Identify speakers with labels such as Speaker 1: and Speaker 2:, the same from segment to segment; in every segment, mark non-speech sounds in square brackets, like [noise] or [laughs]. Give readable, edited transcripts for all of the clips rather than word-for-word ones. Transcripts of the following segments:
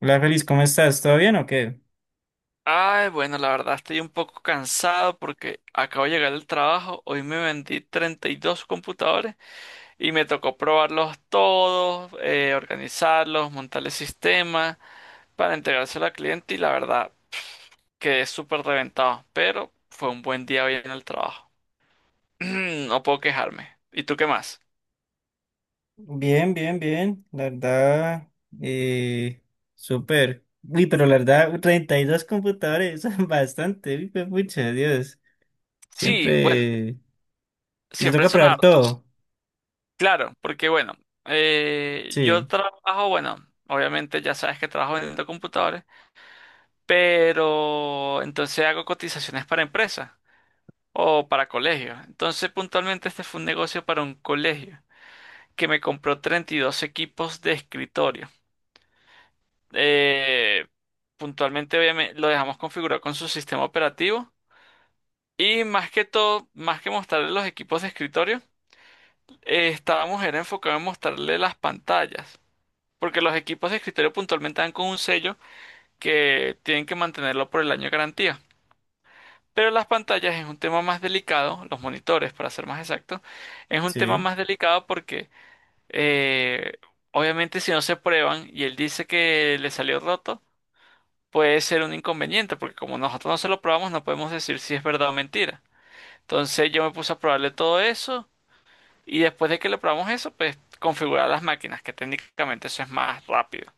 Speaker 1: Hola Feliz, ¿cómo estás? ¿Todo bien o qué?
Speaker 2: Ay, bueno, la verdad estoy un poco cansado porque acabo de llegar del trabajo. Hoy me vendí 32 computadores y me tocó probarlos todos, organizarlos, montar el sistema para entregárselo al cliente y la verdad quedé súper reventado. Pero fue un buen día hoy en el trabajo. [clears throat] No puedo quejarme. ¿Y tú qué más?
Speaker 1: Bien, bien, bien. La verdad, eh, súper. Uy, pero la verdad, 32 computadores, [laughs] bastante. Uy, fue mucha, Dios.
Speaker 2: Sí, bueno,
Speaker 1: Siempre. Y te
Speaker 2: siempre
Speaker 1: toca
Speaker 2: son
Speaker 1: probar
Speaker 2: hartos.
Speaker 1: todo.
Speaker 2: Claro, porque bueno, yo
Speaker 1: Sí,
Speaker 2: trabajo, bueno, obviamente ya sabes que trabajo vendiendo computadores. Pero entonces hago cotizaciones para empresas o para colegios. Entonces, puntualmente este fue un negocio para un colegio que me compró 32 equipos de escritorio. Eh, Puntualmente, obviamente, lo dejamos configurado con su sistema operativo. Y más que todo, más que mostrarle los equipos de escritorio, estábamos era enfocado en mostrarle las pantallas. Porque los equipos de escritorio puntualmente dan con un sello que tienen que mantenerlo por el año de garantía. Pero las pantallas es un tema más delicado, los monitores, para ser más exacto, es un tema
Speaker 1: sí.
Speaker 2: más delicado porque eh, obviamente si no se prueban y él dice que le salió roto, puede ser un inconveniente, porque como nosotros no se lo probamos, no podemos decir si es verdad o mentira. Entonces yo me puse a probarle todo eso y después de que le probamos eso, pues configurar las máquinas, que técnicamente eso es más rápido.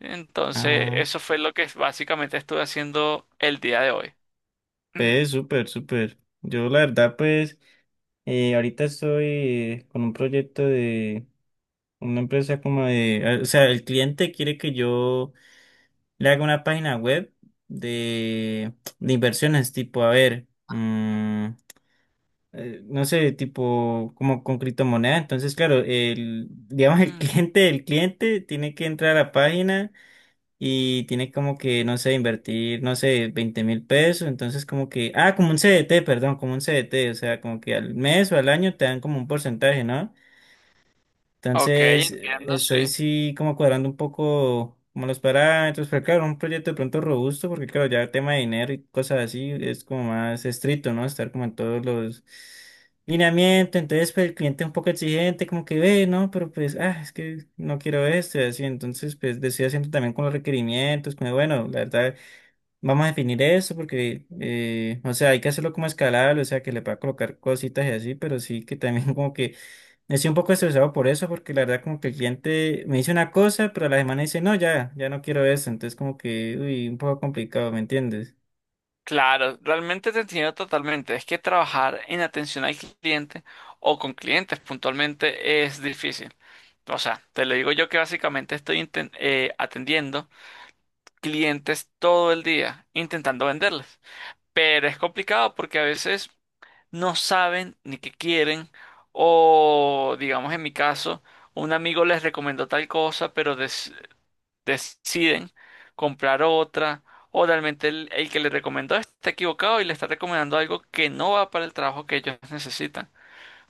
Speaker 2: Entonces
Speaker 1: Ah,
Speaker 2: eso fue lo que básicamente estuve haciendo el día de hoy. [clears throat]
Speaker 1: pues súper, súper. Yo la verdad, pues, ahorita estoy con un proyecto de una empresa como de. Ah, o sea, el cliente quiere que yo le haga una página web de, de inversiones, tipo, a ver, no sé, tipo, como con criptomoneda. Entonces, claro, el, digamos, el [laughs]
Speaker 2: Mm,
Speaker 1: cliente del cliente tiene que entrar a la página y tiene como que, no sé, invertir, no sé, 20.000 pesos. Entonces, como que, ah, como un CDT, perdón, como un CDT, o sea, como que al mes o al año te dan como un porcentaje, ¿no?
Speaker 2: ok,
Speaker 1: Entonces,
Speaker 2: entiendo, sí.
Speaker 1: estoy sí como cuadrando un poco como los parámetros, pero claro, un proyecto de pronto robusto, porque claro, ya el tema de dinero y cosas así es como más estricto, ¿no? Estar como en todos los lineamientos, entonces pues, el cliente es un poco exigente, como que ve, ¿no? Pero pues, ah, es que no quiero esto y así, entonces pues decido haciendo también con los requerimientos, como bueno, la verdad, vamos a definir eso porque, o sea, hay que hacerlo como escalable, o sea, que le pueda colocar cositas y así, pero sí que también [laughs] como que estoy un poco estresado por eso, porque la verdad como que el cliente me dice una cosa, pero a la semana dice, no, ya no quiero eso. Entonces como que, uy, un poco complicado, ¿me entiendes?
Speaker 2: Claro, realmente te entiendo totalmente. Es que trabajar en atención al cliente o con clientes puntualmente es difícil. O sea, te lo digo yo que básicamente estoy atendiendo clientes todo el día, intentando venderles. Pero es complicado porque a veces no saben ni qué quieren o, digamos, en mi caso, un amigo les recomendó tal cosa, pero des deciden comprar otra o realmente el que le recomendó está equivocado y le está recomendando algo que no va para el trabajo que ellos necesitan.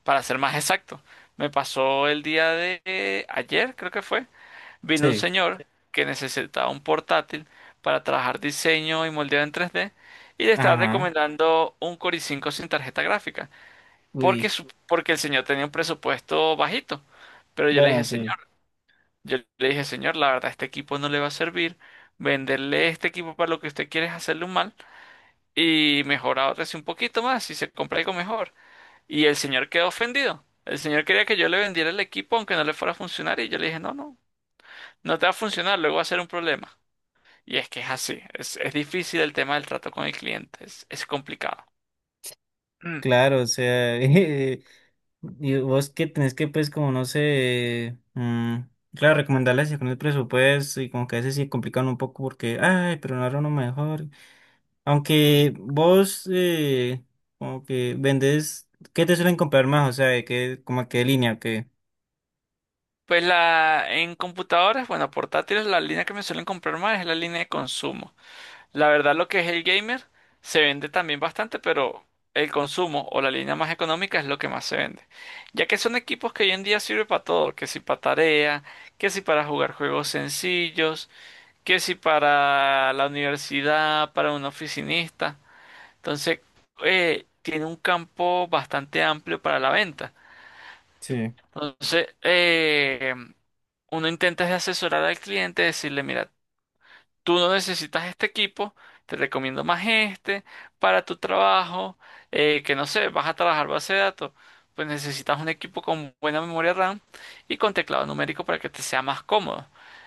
Speaker 2: Para ser más exacto, me pasó el día de ayer, creo que fue, vino un
Speaker 1: Sí.
Speaker 2: señor que necesitaba un portátil para trabajar diseño y moldeado en 3D y le estaba
Speaker 1: Ajá,
Speaker 2: recomendando un Core i5 sin tarjeta gráfica porque,
Speaker 1: uy,
Speaker 2: su- porque el señor tenía un presupuesto bajito. Pero yo le
Speaker 1: bueno,
Speaker 2: dije, señor,
Speaker 1: sí,
Speaker 2: yo le dije, señor, la verdad, este equipo no le va a servir. Venderle este equipo para lo que usted quiere es hacerle un mal y mejorar otro así un poquito más y se compra algo mejor. Y el señor quedó ofendido. El señor quería que yo le vendiera el equipo aunque no le fuera a funcionar y yo le dije, no, no, no te va a funcionar, luego va a ser un problema. Y es que es así, es difícil el tema del trato con el cliente, es complicado. Mm.
Speaker 1: claro, o sea, [laughs] y vos que tenés que, pues, como, no sé, claro, recomendarles con el presupuesto y como que a veces sí complican un poco porque, ay, pero no era uno mejor, aunque vos, como que vendés, ¿qué te suelen comprar más? O sea, ¿de qué, como a qué línea, o qué?
Speaker 2: Pues en computadoras, bueno, portátiles, la línea que me suelen comprar más es la línea de consumo. La verdad, lo que es el gamer se vende también bastante, pero el consumo o la línea más económica es lo que más se vende. Ya que son equipos que hoy en día sirven para todo, que si para tarea, que si para jugar juegos sencillos, que si para la universidad, para un oficinista. Entonces, tiene un campo bastante amplio para la venta.
Speaker 1: Sí.
Speaker 2: Entonces, uno intenta es asesorar al cliente, decirle, mira, tú no necesitas este equipo, te recomiendo más este para tu trabajo, que no sé, vas a trabajar base de datos, pues necesitas un equipo con buena memoria RAM y con teclado numérico para que te sea más cómodo.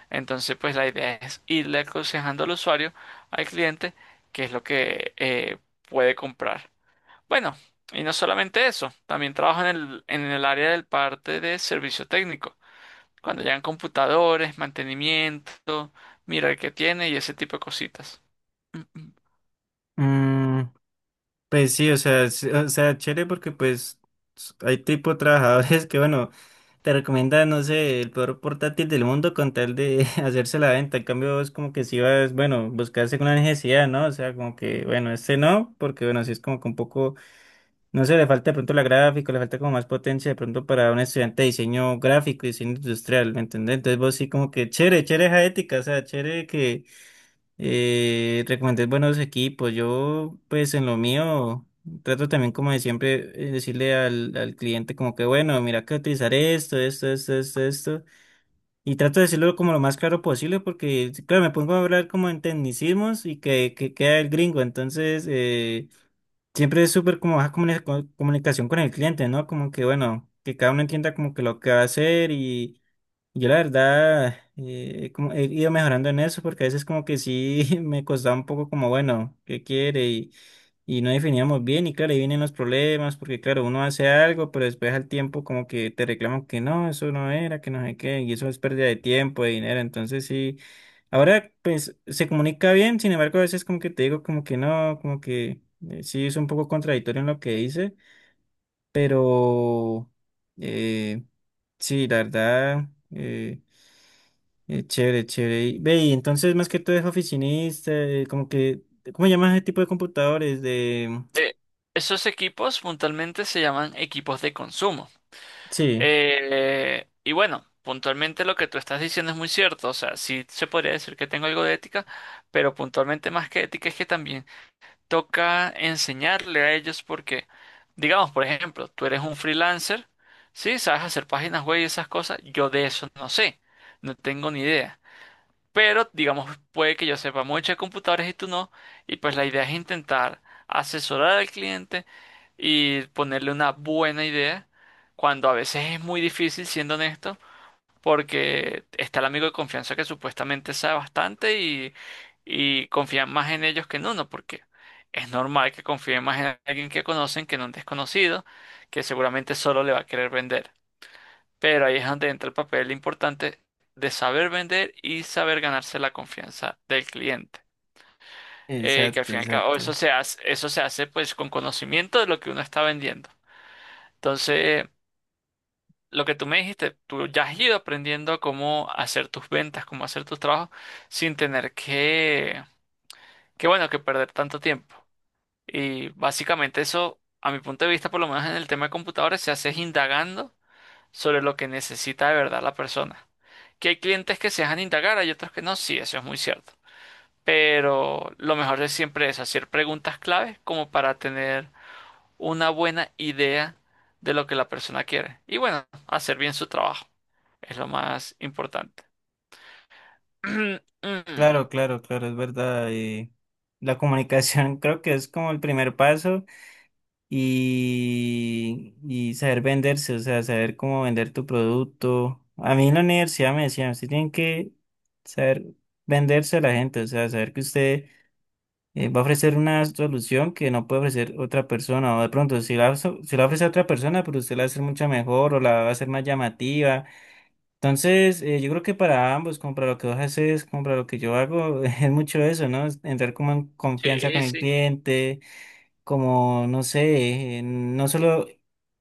Speaker 2: Entonces, pues la idea es irle aconsejando al usuario, al cliente, qué es lo que puede comprar. Bueno, y no solamente eso, también trabajo en el área del parte de servicio técnico. Cuando llegan computadores, mantenimiento, mira el que tiene y ese tipo de cositas. Mm, mm.
Speaker 1: Mm, pues sí, o sea, o sea, chévere porque pues hay tipo de trabajadores [laughs] que, bueno, te recomiendan, no sé, el peor portátil del mundo con tal de [laughs] hacerse la venta. En cambio, vos como que si vas, bueno, buscarse una necesidad, ¿no? O sea, como que, bueno, este no, porque bueno, si es como que un poco, no sé, le falta de pronto la gráfica, le falta como más potencia de pronto para un estudiante de diseño gráfico y diseño industrial, ¿me entendés? Entonces vos sí como que chévere, chévere esa ética, o sea, chévere que recomendé buenos equipos. Yo, pues en lo mío, trato también como de siempre decirle al cliente como que, bueno, mira que utilizar esto, esto, esto, esto, esto. Y trato de decirlo como lo más claro posible porque, claro, me pongo a hablar como en tecnicismos y que queda el gringo. Entonces, siempre es súper como baja comunicación con el cliente, ¿no? Como que, bueno, que cada uno entienda como que lo que va a hacer y yo la verdad como he ido mejorando en eso porque a veces como que sí [laughs] me costaba un poco como, bueno, ¿qué quiere? Y no definíamos bien y claro, ahí vienen los problemas porque claro, uno hace algo, pero después al tiempo como que te reclaman que no, eso no era, que no sé qué, y eso es pérdida de tiempo, de dinero, entonces sí, ahora pues se comunica bien, sin embargo a veces como que te digo como que no, como que sí es un poco contradictorio en lo que dice, pero... Eh, sí, la verdad, eh, chévere, chévere. Y, ve, y entonces más que todo es oficinista, como que, ¿cómo llamas ese tipo de computadores? De...
Speaker 2: eh, Esos equipos puntualmente se llaman equipos de consumo.
Speaker 1: Sí,
Speaker 2: Y bueno, puntualmente lo que tú estás diciendo es muy cierto. O sea, sí se podría decir que tengo algo de ética, pero puntualmente más que ética es que también toca enseñarle a ellos porque, digamos, por ejemplo, tú eres un freelancer, sí, sabes hacer páginas web y esas cosas. Yo de eso no sé, no tengo ni idea. Pero, digamos, puede que yo sepa mucho de computadores y tú no. Y pues la idea es intentar asesorar al cliente y ponerle una buena idea, cuando a veces es muy difícil, siendo honesto, porque está el amigo de confianza que supuestamente sabe bastante y confían más en ellos que en uno, porque es normal que confíen más en alguien que conocen que en un desconocido, que seguramente solo le va a querer vender. Pero ahí es donde entra el papel importante de saber vender y saber ganarse la confianza del cliente. Que al
Speaker 1: exacto,
Speaker 2: fin y al cabo
Speaker 1: exacto.
Speaker 2: eso se hace pues con conocimiento de lo que uno está vendiendo. Entonces, lo que tú me dijiste, tú ya has ido aprendiendo cómo hacer tus ventas, cómo hacer tus trabajos sin tener que bueno, que perder tanto tiempo. Y básicamente eso, a mi punto de vista, por lo menos en el tema de computadores, se hace es indagando sobre lo que necesita de verdad la persona. Que hay clientes que se dejan indagar, hay otros que no, sí, eso es muy cierto. Pero lo mejor es siempre es hacer preguntas clave como para tener una buena idea de lo que la persona quiere. Y bueno, hacer bien su trabajo es lo más importante. [clears throat]
Speaker 1: Claro, claro, claro, es verdad. La comunicación [laughs] creo que es como el primer paso y saber venderse, o sea, saber cómo vender tu producto. A mí en la universidad me decían, usted tiene que saber venderse a la gente, o sea, saber que usted va a ofrecer una solución que no puede ofrecer otra persona, o de pronto si si la ofrece a otra persona, pero usted la va a hacer mucho mejor o la va a hacer más llamativa. Entonces, yo creo que para ambos, como para lo que vos haces, como para lo que yo hago, [laughs] es mucho eso, ¿no? Es entrar como en confianza
Speaker 2: Sí,
Speaker 1: con el
Speaker 2: sí.
Speaker 1: cliente, como, no sé, no solo,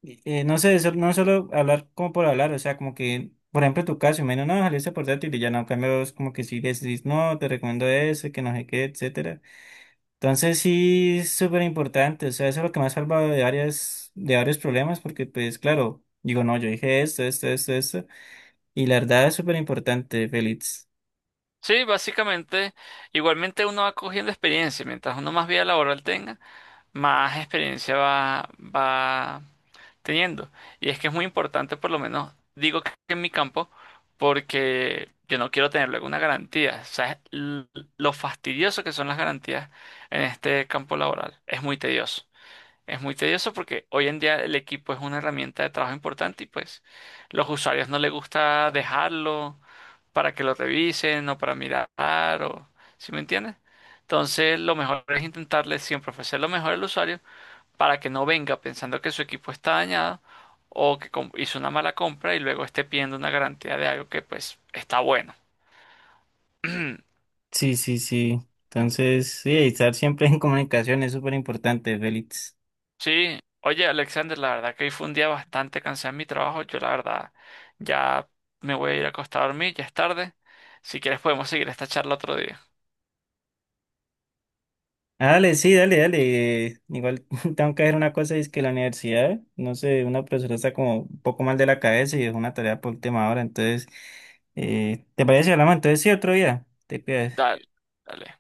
Speaker 1: no sé, no solo hablar como por hablar, o sea, como que... Por ejemplo, en tu caso, menos no, ojalá ese portátil y ya no, en cambio, vos como que si le decís, no, te recomiendo ese, que no sé qué, etcétera. Entonces sí es súper importante, o sea, eso es lo que me ha salvado de varias, de varios problemas, porque pues claro, digo, no, yo dije esto, esto, esto, esto, y la verdad es súper importante, Félix.
Speaker 2: Sí, básicamente, igualmente uno va cogiendo experiencia. Mientras uno más vida laboral tenga, más experiencia va teniendo. Y es que es muy importante, por lo menos, digo que en mi campo, porque yo no quiero tener luego una garantía. ¿Sabes lo fastidioso que son las garantías en este campo laboral? Es muy tedioso. Es muy tedioso porque hoy en día el equipo es una herramienta de trabajo importante y pues los usuarios no les gusta dejarlo para que lo revisen o para mirar o... ¿Sí me entiendes? Entonces lo mejor es intentarle siempre ofrecer lo mejor al usuario para que no venga pensando que su equipo está dañado o que hizo una mala compra y luego esté pidiendo una garantía de algo que pues está bueno. [clears throat]
Speaker 1: Sí, sí, sí. Entonces, sí, estar siempre [laughs] en comunicación es súper importante, Félix.
Speaker 2: Sí, oye Alexander, la verdad que hoy fue un día bastante cansado en mi trabajo. Yo la verdad ya me voy a ir a acostar a dormir, ya es tarde. Si quieres podemos seguir esta charla otro día.
Speaker 1: Ah, dale, sí, dale, dale. Igual [laughs] tengo que hacer una cosa, y es que la universidad, no sé, una profesora está como un poco mal de la cabeza y es una tarea por última hora, entonces, ¿te parece si hablamos entonces sí otro día? Te cuidas.
Speaker 2: Dale, dale.